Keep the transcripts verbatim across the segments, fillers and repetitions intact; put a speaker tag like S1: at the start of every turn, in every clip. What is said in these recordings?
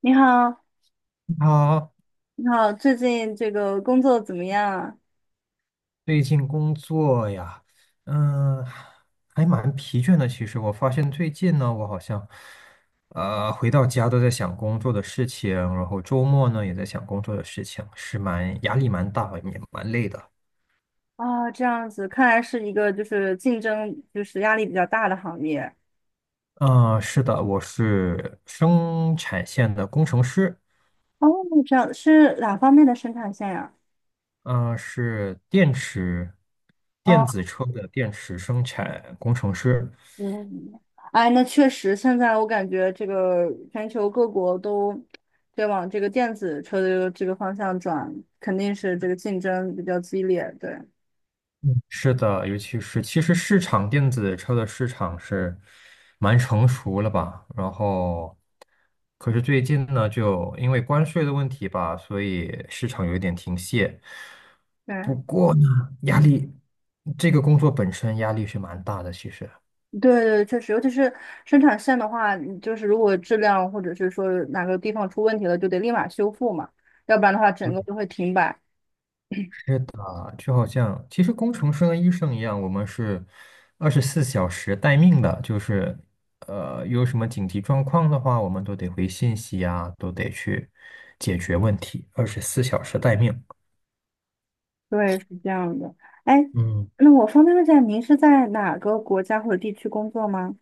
S1: 你好，
S2: 啊，
S1: 你好，最近这个工作怎么样啊？
S2: 最近工作呀，嗯，还蛮疲倦的。其实我发现最近呢，我好像，呃，回到家都在想工作的事情，然后周末呢也在想工作的事情，是蛮压力蛮大，也蛮累的。
S1: 啊，这样子，看来是一个就是竞争就是压力比较大的行业。
S2: 嗯，是的，我是生产线的工程师，
S1: 哦，这样是哪方面的生产线呀？
S2: 嗯，是电池
S1: 哦，
S2: 电子车的电池生产工程师。
S1: 嗯，哎，那确实，现在我感觉这个全球各国都在往这个电子车的这个这个方向转，肯定是这个竞争比较激烈，对。
S2: 嗯是的，尤其是其实市场电子车的市场是蛮成熟了吧，然后可是最近呢，就因为关税的问题吧，所以市场有一点停歇。不
S1: 对。
S2: 过呢，压力这个工作本身压力是蛮大的，其实。
S1: 对对，确实，尤其是生产线的话，你就是如果质量或者是说哪个地方出问题了，就得立马修复嘛，要不然的话整个就会停摆。
S2: 啊，就好像其实工程师跟医生一样，我们是二十四小时待命的，就是呃有什么紧急状况的话，我们都得回信息啊，都得去解决问题，二十四小时待命。
S1: 对，是这样的。哎，
S2: 嗯
S1: 那我方便问一下，您是在哪个国家或者地区工作吗？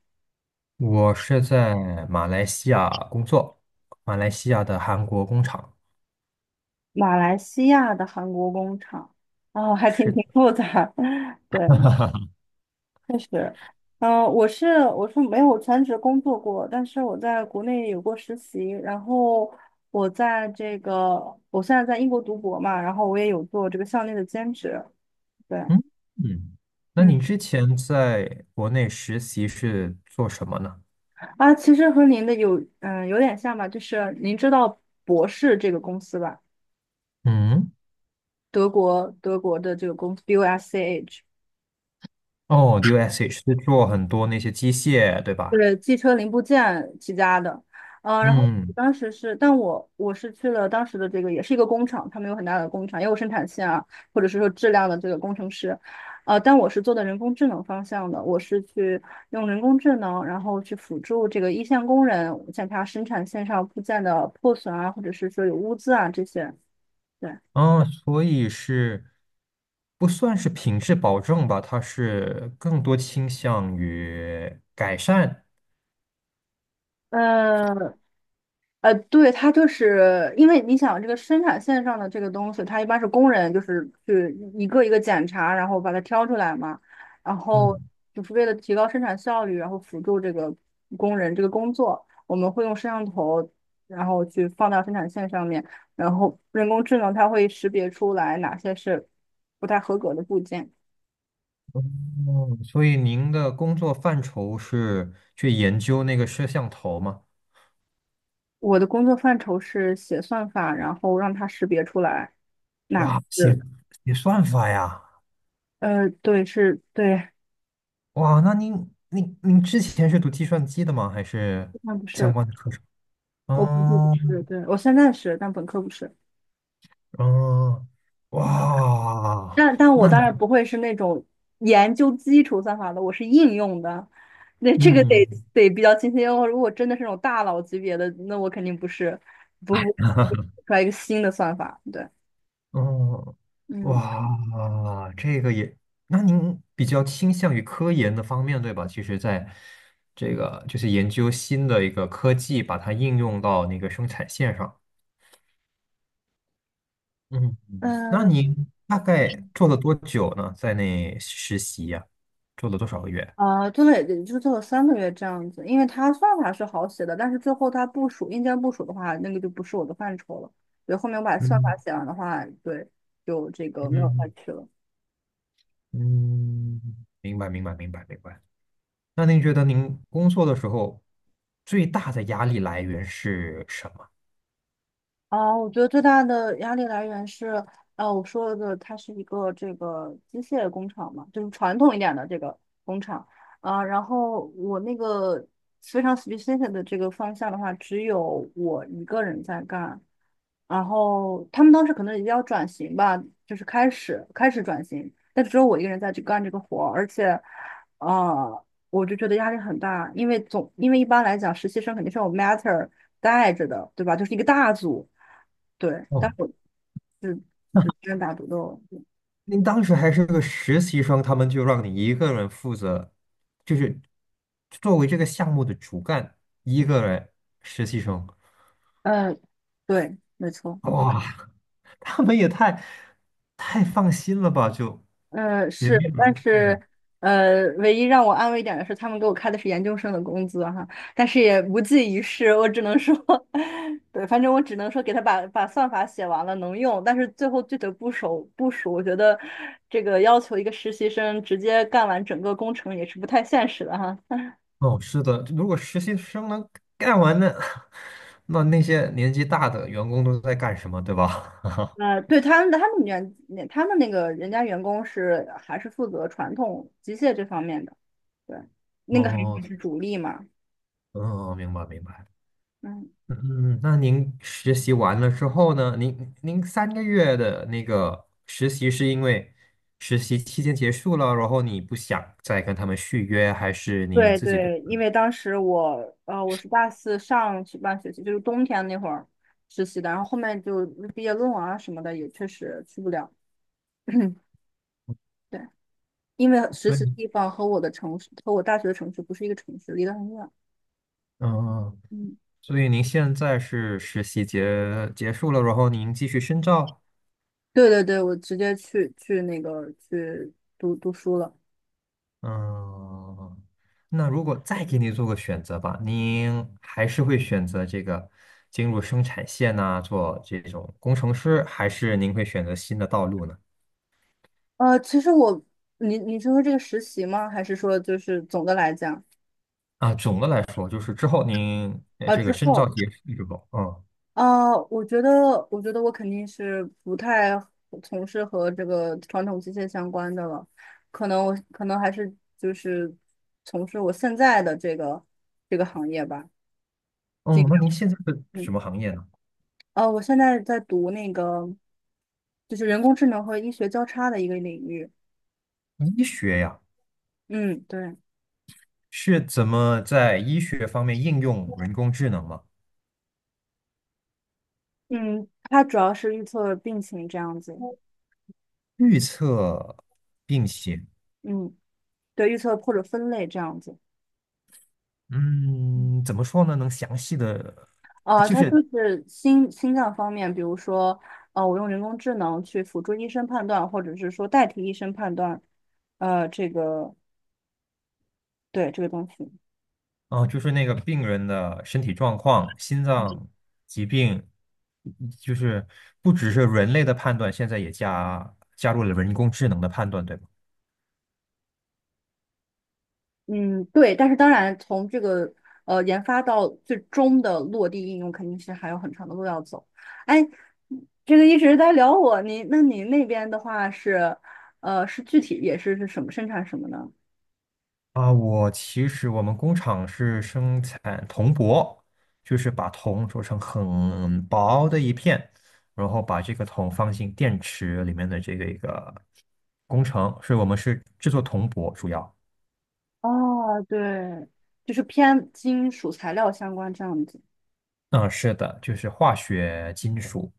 S2: 我是在马来西亚工作，马来西亚的韩国工厂。
S1: 马来西亚的韩国工厂，哦，还挺
S2: 是
S1: 挺
S2: 的，
S1: 复杂。对，确实，嗯、我是我是没有全职工作过，但是我在国内有过实习，然后我在这个我现在在英国读博嘛，然后我也有做这个校内的兼职，对，
S2: 嗯嗯，那
S1: 嗯，
S2: 你之前在国内实习是做什么呢？
S1: 啊，其实和您的有嗯、有点像吧，就是您知道博士这个公司吧，
S2: 嗯，
S1: 德国德国的这个公司 B O S C H。
S2: 哦，D O S H 是做很多那些机械，对吧？
S1: 是汽车零部件起家的，呃，然后
S2: 嗯，
S1: 当时是，但我我是去了当时的这个也是一个工厂，他们有很大的工厂，也有生产线啊，或者是说质量的这个工程师，呃，但我是做的人工智能方向的，我是去用人工智能，然后去辅助这个一线工人检查生产线上部件的破损啊，或者是说有污渍啊这些，对，
S2: 啊，所以是不算是品质保证吧，它是更多倾向于改善。
S1: 呃，呃，对，它就是因为你想这个生产线上的这个东西，它一般是工人就是去一个一个检查，然后把它挑出来嘛，然后
S2: 嗯，
S1: 就是为了提高生产效率，然后辅助这个工人这个工作，我们会用摄像头，然后去放到生产线上面，然后人工智能它会识别出来哪些是不太合格的部件。
S2: 哦，所以您的工作范畴是去研究那个摄像头吗？
S1: 我的工作范畴是写算法，然后让它识别出来哪个
S2: 哇，写
S1: 是，
S2: 写算法呀！
S1: 呃，对，是，对，
S2: 哇，那您您您之前是读计算机的吗？还是
S1: 那不
S2: 相
S1: 是。
S2: 关的课程？
S1: 我本科不是，
S2: 嗯
S1: 对，我现在是，但本科不是。
S2: 嗯，哇，
S1: 但但我
S2: 那
S1: 当
S2: 你
S1: 然不会是那种研究基础算法的，我是应用的。那这个得
S2: 嗯。
S1: 得比较清晰。哦，如果真的是那种大佬级别的，那我肯定不是，不不出来一个新的算法。对，
S2: 哦，
S1: 嗯
S2: 哇，这个也，那您比较倾向于科研的方面，对吧？其实，在这个就是研究新的一个科技，把它应用到那个生产线上。嗯，那
S1: 嗯
S2: 您大概做了多久呢？在那实习呀、做了多少个月？
S1: 呃，做了也也就做了三个月这样子，因为它算法是好写的，但是最后它部署硬件部署的话，那个就不是我的范畴了。对，后面我把算
S2: 嗯
S1: 法写完的话，对，就这个没有再
S2: 嗯
S1: 去了。
S2: 嗯，明白明白明白明白。那您觉得您工作的时候最大的压力来源是什么？
S1: 哦，我觉得最大的压力来源是，呃，我说的它是一个这个机械工厂嘛，就是传统一点的这个工厂啊，然后我那个非常 specific 的这个方向的话，只有我一个人在干，然后他们当时可能也要转型吧，就是开始开始转型，但只有我一个人在去干这个活儿而且，呃，我就觉得压力很大，因为总因为一般来讲，实习生肯定是有 matter 带着的，对吧？就是一个大组。对，但
S2: 哦
S1: 我是是单打独斗。
S2: 您当时还是个实习生，他们就让你一个人负责，就是作为这个项目的主干，一个人实习生，
S1: 嗯，对，没错。
S2: 哇，他们也太太放心了吧？就
S1: 嗯，
S2: 也
S1: 是，
S2: 没有
S1: 但
S2: 人看着。
S1: 是呃，唯一让我安慰一点的是，他们给我开的是研究生的工资哈，但是也无济于事。我只能说，对，反正我只能说给他把把算法写完了能用，但是最后具体部署部署，我觉得这个要求一个实习生直接干完整个工程也是不太现实的哈。
S2: 哦，是的，如果实习生能干完呢，那那些年纪大的员工都在干什么，对吧？
S1: 呃，对他们的他们员，他们那个人家员工是还是负责传统机械这方面的，对，那个还是还
S2: 哦，
S1: 是主力嘛，
S2: 嗯，明白明白。
S1: 嗯，
S2: 嗯，嗯那您实习完了之后呢？您您三个月的那个实习是因为实习期间结束了，然后你不想再跟他们续约，还是你有
S1: 对
S2: 自己的？
S1: 对，因为当时我，呃，我是大四上学半学期，就是冬天那会儿实习的，然后后面就毕业论文啊什么的也确实去不了，对，因为实习
S2: 对，
S1: 地方和我的城市和我大学的城市不是一个城市，离得很远，
S2: 嗯，
S1: 嗯，
S2: 所以您现在是实习结结束了，然后您继续深造。
S1: 对对对，我直接去去那个去读读书了。
S2: 嗯，那如果再给你做个选择吧，您还是会选择这个进入生产线呐、做这种工程师，还是您会选择新的道路呢？
S1: 呃，其实我，你你是说这个实习吗？还是说就是总的来讲
S2: 啊，总的来说，就是之后您呃
S1: 啊？
S2: 这
S1: 之
S2: 个深造
S1: 后
S2: 结束之后，嗯
S1: 啊，我觉得，我觉得我肯定是不太从事和这个传统机械相关的了，可能我可能还是就是从事我现在的这个这个行业吧。进
S2: 嗯，那您现在是什
S1: 嗯，
S2: 么行业呢？
S1: 呃，我现在在读那个就是人工智能和医学交叉的一个领域。
S2: 医学呀，
S1: 嗯，对，
S2: 是怎么在医学方面应用人工智能吗？
S1: 嗯，它主要是预测病情这样子。
S2: 预测病情，
S1: 嗯。对，预测或者分类这样子。嗯
S2: 嗯，怎么说呢？能详细的
S1: 呃，
S2: 就
S1: 它就
S2: 是
S1: 是心心脏方面，比如说，呃，我用人工智能去辅助医生判断，或者是说代替医生判断，呃，这个对这个东西，
S2: 啊，就是那个病人的身体状况、心脏疾病，就是不只是人类的判断，现在也加加入了人工智能的判断，对吗？
S1: 嗯，对。但是当然，从这个呃研发到最终的落地应用，肯定是还有很长的路要走。哎，这个一直在聊我，你那你那边的话是，呃，是具体也是是什么生产什么呢？
S2: 啊，我其实我们工厂是生产铜箔，就是把铜做成很薄的一片，然后把这个铜放进电池里面的这个一个工程，所以我们是制作铜箔主要。
S1: 哦，对，就是偏金属材料相关这样子。
S2: 嗯，是的，就是化学金属。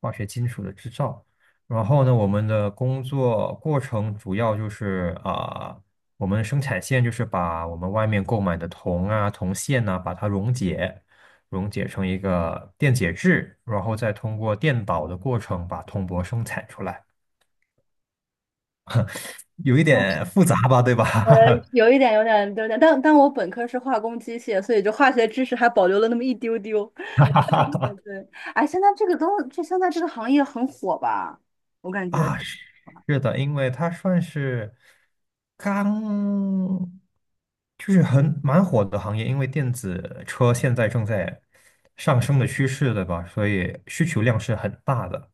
S2: 化学金属的制造。然后呢，我们的工作过程主要就是啊、我们生产线就是把我们外面购买的铜啊、铜线呐、把它溶解，溶解成一个电解质，然后再通过电导的过程把铜箔生产出来，有一点复杂吧，对
S1: 我
S2: 吧？
S1: 有一点，有点，有点，但但我本科是化工机械，所以就化学知识还保留了那么一丢丢。对，哎，现在这个都，这现在这个行业很火吧？我感觉
S2: 啊，是是的，因为它算是刚，就是很蛮火的行业，因为电子车现在正在上升的趋势，对吧？所以需求量是很大的。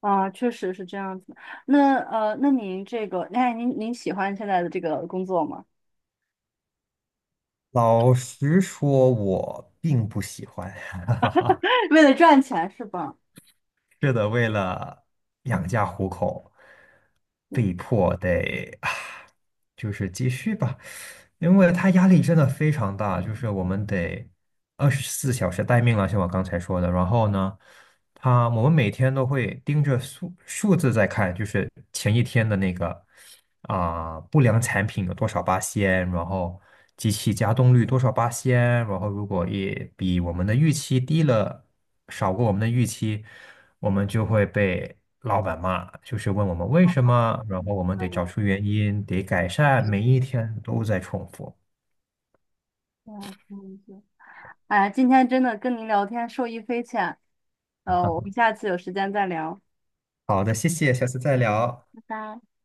S1: 啊，确实是这样子。那呃，那您这个，哎，您您喜欢现在的这个工作吗？
S2: 老实说，我并不喜欢。
S1: 为了赚钱是吧？
S2: 是的，为了养家糊口，
S1: 嗯，
S2: 被迫得啊，就是继续吧，因为他压力真的非常大，就是我们得二十四小时待命了，像我刚才说的。然后呢，他我们每天都会盯着数数字在看，就是前一天的那个。啊、不良产品有多少八仙，然后机器加动率多少八仙，然后如果也比我们的预期低了，少过我们的预期，我们就会被老板骂，就是问我们为什么，然后我们
S1: 嗯
S2: 得找出原因，得改善，每一天都在重复。
S1: 嗯嗯嗯哎，今天真的跟您聊天受益匪浅。呃，我们下次有时间再聊，
S2: 好的，谢谢，下次再聊。
S1: 拜拜。